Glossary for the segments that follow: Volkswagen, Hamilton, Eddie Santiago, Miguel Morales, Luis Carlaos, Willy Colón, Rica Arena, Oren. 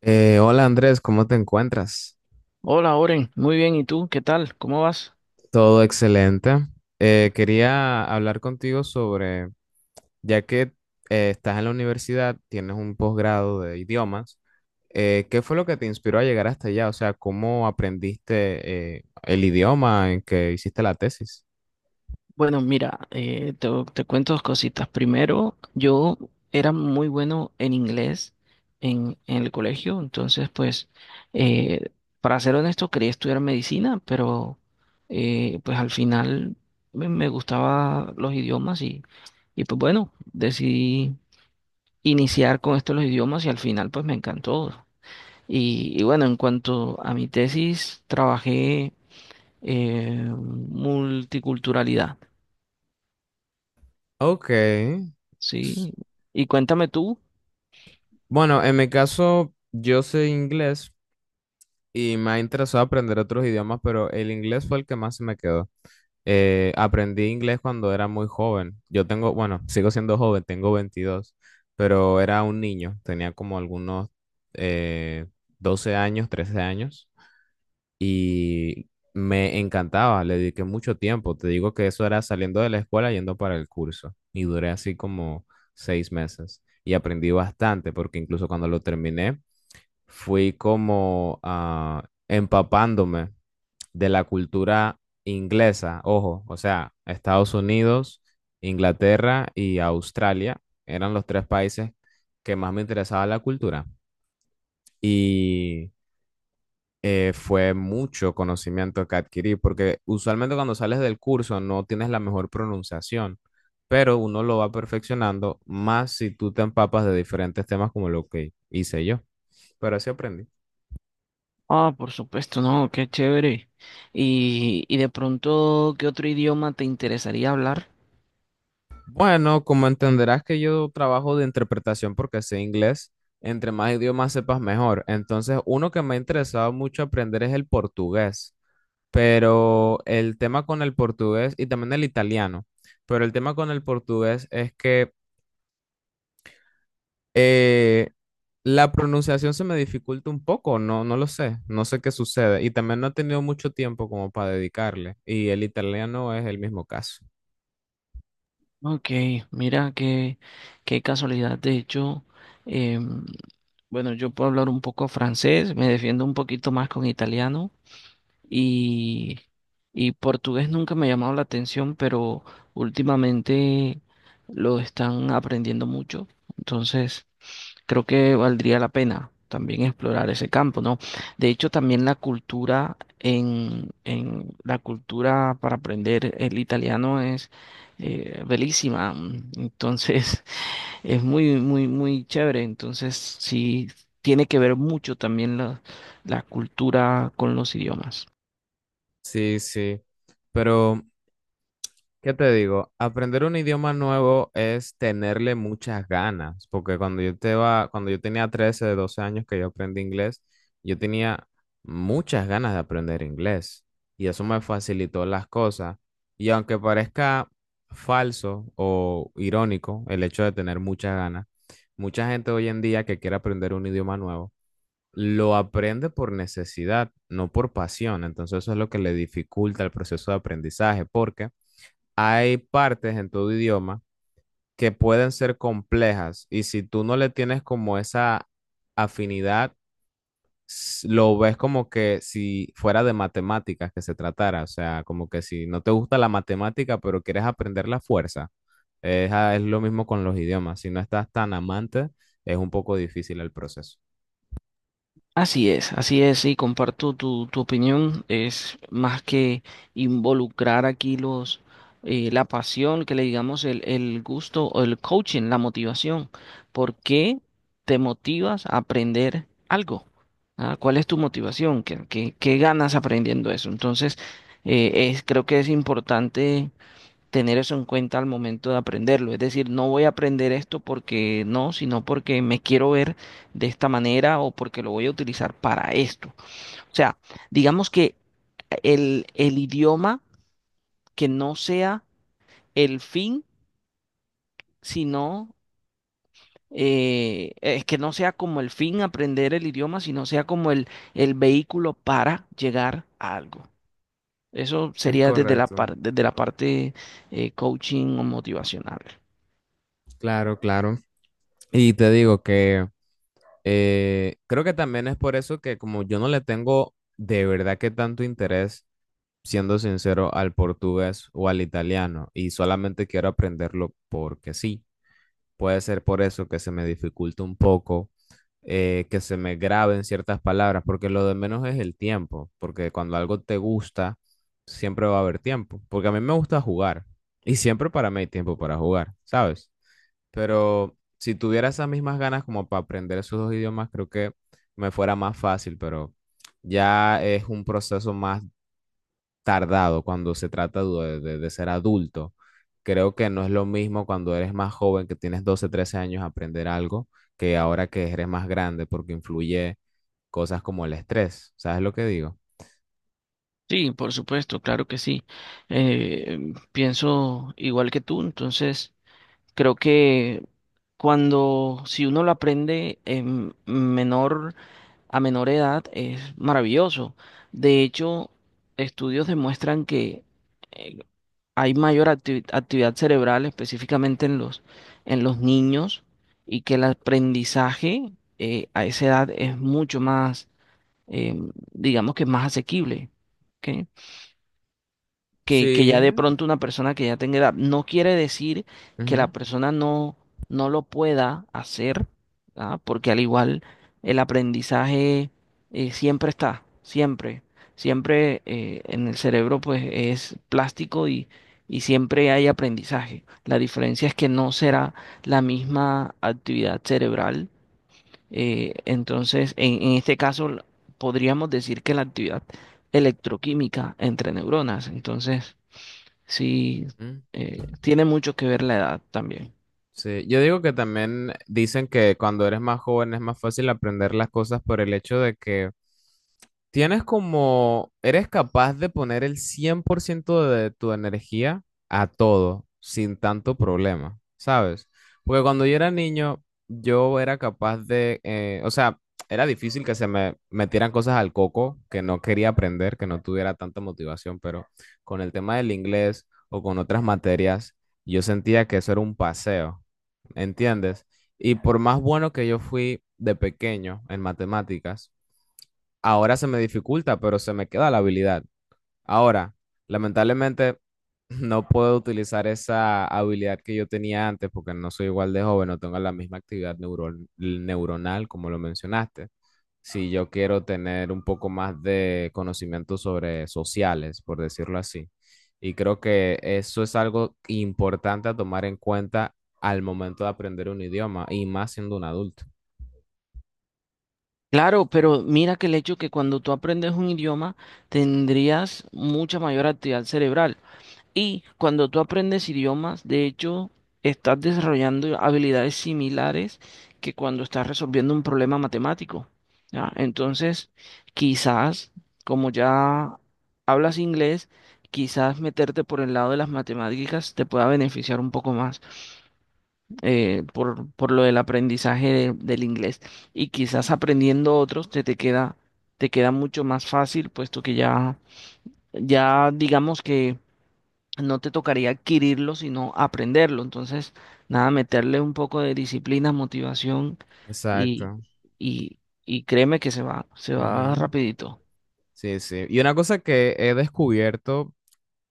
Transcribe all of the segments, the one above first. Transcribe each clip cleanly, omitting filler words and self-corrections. Hola Andrés, ¿cómo te encuentras? Hola, Oren. Muy bien. ¿Y tú? ¿Qué tal? ¿Cómo vas? Todo excelente. Quería hablar contigo sobre, ya que estás en la universidad, tienes un posgrado de idiomas. ¿Qué fue lo que te inspiró a llegar hasta allá? O sea, ¿cómo aprendiste el idioma en que hiciste la tesis? Bueno, mira, te cuento dos cositas. Primero, yo era muy bueno en inglés en el colegio. Entonces, pues, eh, para ser honesto, quería estudiar medicina, pero pues al final me gustaba los idiomas, y pues bueno, decidí iniciar con esto de los idiomas y al final pues me encantó. Y bueno, en cuanto a mi tesis, trabajé multiculturalidad, Ok. S- ¿sí? Y cuéntame tú. Bueno, en mi caso, yo sé inglés y me ha interesado aprender otros idiomas, pero el inglés fue el que más se me quedó. Aprendí inglés cuando era muy joven. Yo tengo, bueno, sigo siendo joven, tengo 22, pero era un niño, tenía como algunos eh, 12 años, 13 años, y me encantaba, le dediqué mucho tiempo. Te digo que eso era saliendo de la escuela yendo para el curso y duré así como 6 meses y aprendí bastante porque incluso cuando lo terminé fui como ah, empapándome de la cultura inglesa. Ojo, o sea, Estados Unidos, Inglaterra y Australia eran los tres países que más me interesaba la cultura. Y fue mucho conocimiento que adquirí, porque usualmente cuando sales del curso no tienes la mejor pronunciación, pero uno lo va perfeccionando más si tú te empapas de diferentes temas como lo que hice yo. Pero así aprendí. Ah, por supuesto, no, qué chévere. Y de pronto, ¿qué otro idioma te interesaría hablar? Bueno, como entenderás que yo trabajo de interpretación porque sé inglés, entre más idiomas sepas mejor. Entonces, uno que me ha interesado mucho aprender es el portugués, pero el tema con el portugués y también el italiano, pero el tema con el portugués es que eh, la pronunciación se me dificulta un poco, no, no lo sé, no sé qué sucede, y también no he tenido mucho tiempo como para dedicarle, y el italiano es el mismo caso. Ok, mira qué, qué casualidad. De hecho, em, bueno, yo puedo hablar un poco francés, me defiendo un poquito más con italiano, y, y portugués nunca me ha llamado la atención, pero últimamente lo están aprendiendo mucho. Entonces, creo que valdría la pena también explorar ese campo, ¿no? De hecho, también la cultura en la cultura para aprender el italiano es bellísima. Entonces, es muy, muy, muy chévere. Entonces, sí, tiene que ver mucho también la cultura con los idiomas. Sí, sí, pero... ¿Qué te digo? Aprender un idioma nuevo es tenerle muchas ganas, porque cuando yo tenía 13, 12 años que yo aprendí inglés, yo tenía muchas ganas de aprender inglés, y eso me facilitó las cosas. Y aunque parezca falso o irónico el hecho de tener muchas ganas, mucha gente hoy en día que quiere aprender un idioma nuevo lo aprende por necesidad, no por pasión. Entonces eso es lo que le dificulta el proceso de aprendizaje, porque hay partes en tu idioma que pueden ser complejas y si tú no le tienes como esa afinidad, lo ves como que si fuera de matemáticas que se tratara, o sea, como que si no te gusta la matemática pero quieres aprender la fuerza, es lo mismo con los idiomas, si no estás tan amante, es un poco difícil el proceso. Así es, y comparto tu opinión. Es más que involucrar aquí los la pasión, que le digamos el gusto o el coaching, la motivación. ¿Por qué te motivas a aprender algo? ¿Ah? ¿Cuál es tu motivación? ¿ Qué ganas aprendiendo eso? Entonces, creo que es importante tener eso en cuenta al momento de aprenderlo. Es decir, no voy a aprender esto porque no, sino porque me quiero ver de esta manera o porque lo voy a utilizar para esto. O sea, digamos que el idioma que no sea el fin, sino es que no sea como el fin aprender el idioma, sino sea como el vehículo para llegar a algo. Eso Es sería desde correcto, desde la parte coaching o motivacional. claro, claro. Y te digo que creo que también es por eso que como yo no le tengo de verdad que tanto interés, siendo sincero, al portugués o al italiano, y solamente quiero aprenderlo porque sí. Puede ser por eso que se me dificulta un poco, que se me graben ciertas palabras, porque lo de menos es el tiempo, porque cuando algo te gusta, siempre va a haber tiempo, porque a mí me gusta jugar y siempre para mí hay tiempo para jugar, ¿sabes? Pero si tuviera esas mismas ganas como para aprender esos dos idiomas, creo que me fuera más fácil, pero ya es un proceso más tardado cuando se trata de ser adulto. Creo que no es lo mismo cuando eres más joven, que tienes 12 13 años, aprender algo, que ahora que eres más grande, porque influye cosas como el estrés. ¿Sabes lo que digo? Sí, por supuesto, claro que sí. Pienso igual que tú. Entonces creo que cuando si uno lo aprende en menor a menor edad es maravilloso. De hecho, estudios demuestran que eh, hay mayor actividad cerebral, específicamente en los niños, y que el aprendizaje a esa edad es mucho más, eh, digamos que más asequible. ¿Ok? Que ya Sí. de pronto una persona que ya tenga edad. No quiere decir que la Ujú. persona no lo pueda hacer, ¿ah? Porque al igual el aprendizaje siempre está, siempre, siempre, en el cerebro pues es plástico, y siempre hay aprendizaje. La diferencia es que no será la misma actividad cerebral. Entonces, en este caso podríamos decir que la actividad electroquímica entre neuronas. Entonces, sí, Ujú. Tiene mucho que ver la edad también. Sí, yo digo que también dicen que cuando eres más joven es más fácil aprender las cosas por el hecho de que tienes como, eres capaz de poner el 100% de tu energía a todo sin tanto problema, ¿sabes? Porque cuando yo era niño, yo era capaz de, o sea, era difícil que se me metieran cosas al coco que no quería aprender, que no tuviera tanta motivación, pero con el tema del inglés o con otras materias, yo sentía que eso era un paseo, ¿entiendes? Y por más bueno que yo fui de pequeño en matemáticas, ahora se me dificulta, pero se me queda la habilidad. Ahora, lamentablemente, no puedo utilizar esa habilidad que yo tenía antes porque no soy igual de joven, no tengo la misma actividad neuronal como lo mencionaste. Si yo quiero tener un poco más de conocimiento sobre sociales, por decirlo así. Y creo que eso es algo importante a tomar en cuenta al momento de aprender un idioma y más siendo un adulto. Claro, pero mira que el hecho que cuando tú aprendes un idioma tendrías mucha mayor actividad cerebral. Y cuando tú aprendes idiomas, de hecho, estás desarrollando habilidades similares que cuando estás resolviendo un problema matemático. ¿Ya? Entonces, quizás, como ya hablas inglés, quizás meterte por el lado de las matemáticas te pueda beneficiar un poco más. Por por lo del aprendizaje del inglés. Y quizás aprendiendo otros te queda mucho más fácil, puesto que ya, ya digamos que no te tocaría adquirirlo, sino aprenderlo. Entonces, nada, meterle un poco de disciplina, motivación, y, Exacto. y, y créeme que se va Ujú. rapidito. Sí, sí. Y una cosa que he descubierto,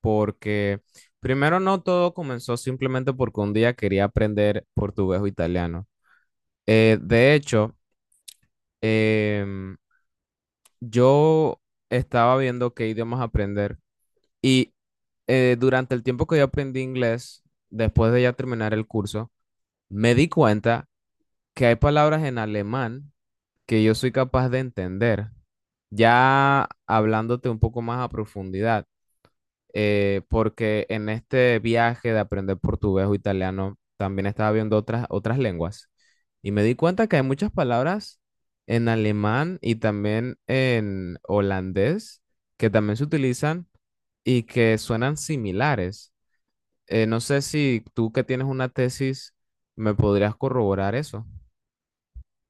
porque primero no todo comenzó simplemente porque un día quería aprender portugués o italiano. De hecho, em, yo estaba viendo qué idiomas aprender, y durante el tiempo que yo aprendí inglés, después de ya terminar el curso, me di cuenta que hay palabras en alemán que yo soy capaz de entender, ya hablándote un poco más a profundidad. Porque en este viaje de aprender portugués o italiano también estaba viendo otras lenguas, y me di cuenta que hay muchas palabras en alemán y también en holandés que también se utilizan y que suenan similares. No sé si tú que tienes una tesis me podrías corroborar eso.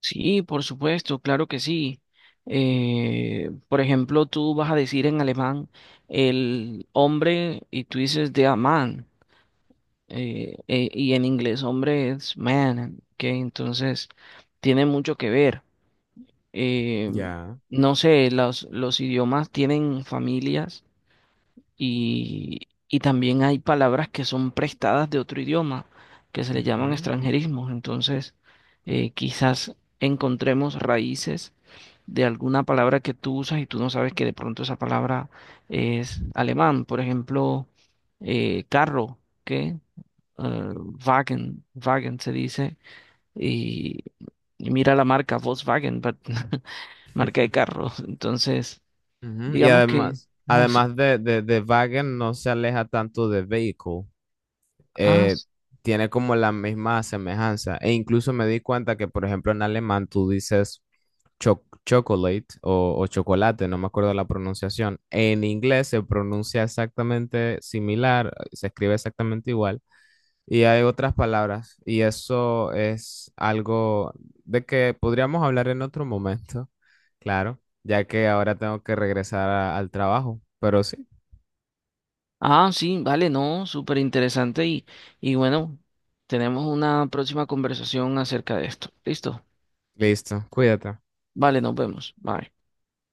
Sí, por supuesto, claro que sí. Por ejemplo, tú vas a decir en alemán el hombre y tú dices der Mann, y en inglés hombre es man, que entonces tiene mucho que ver. Eh, Ya. no sé, los idiomas tienen familias, y también hay palabras que son prestadas de otro idioma, que se le llaman Ujú. extranjerismos. Entonces, quizás encontremos raíces de alguna palabra que tú usas y tú no sabes que de pronto esa palabra es alemán. Por ejemplo, carro, que Wagen, Wagen se dice, y, y mira la marca Volkswagen, but- marca de carro. Entonces, Ujú. Y digamos que... además, Ah, sí. además de Wagen no se aleja tanto de vehicle. Ah, eh, s- Tiene como la misma semejanza. E incluso me di cuenta que, por ejemplo, en alemán tú dices chocolate o chocolate, no me acuerdo la pronunciación. En inglés se pronuncia exactamente similar, se escribe exactamente igual. Y hay otras palabras, y eso es algo de que podríamos hablar en otro momento, claro, ya que ahora tengo que regresar al trabajo. Pero sí, ah, sí, vale, no, súper interesante, y bueno, tenemos una próxima conversación acerca de esto. ¿Listo? listo, cuídate. Vale, nos vemos. Bye.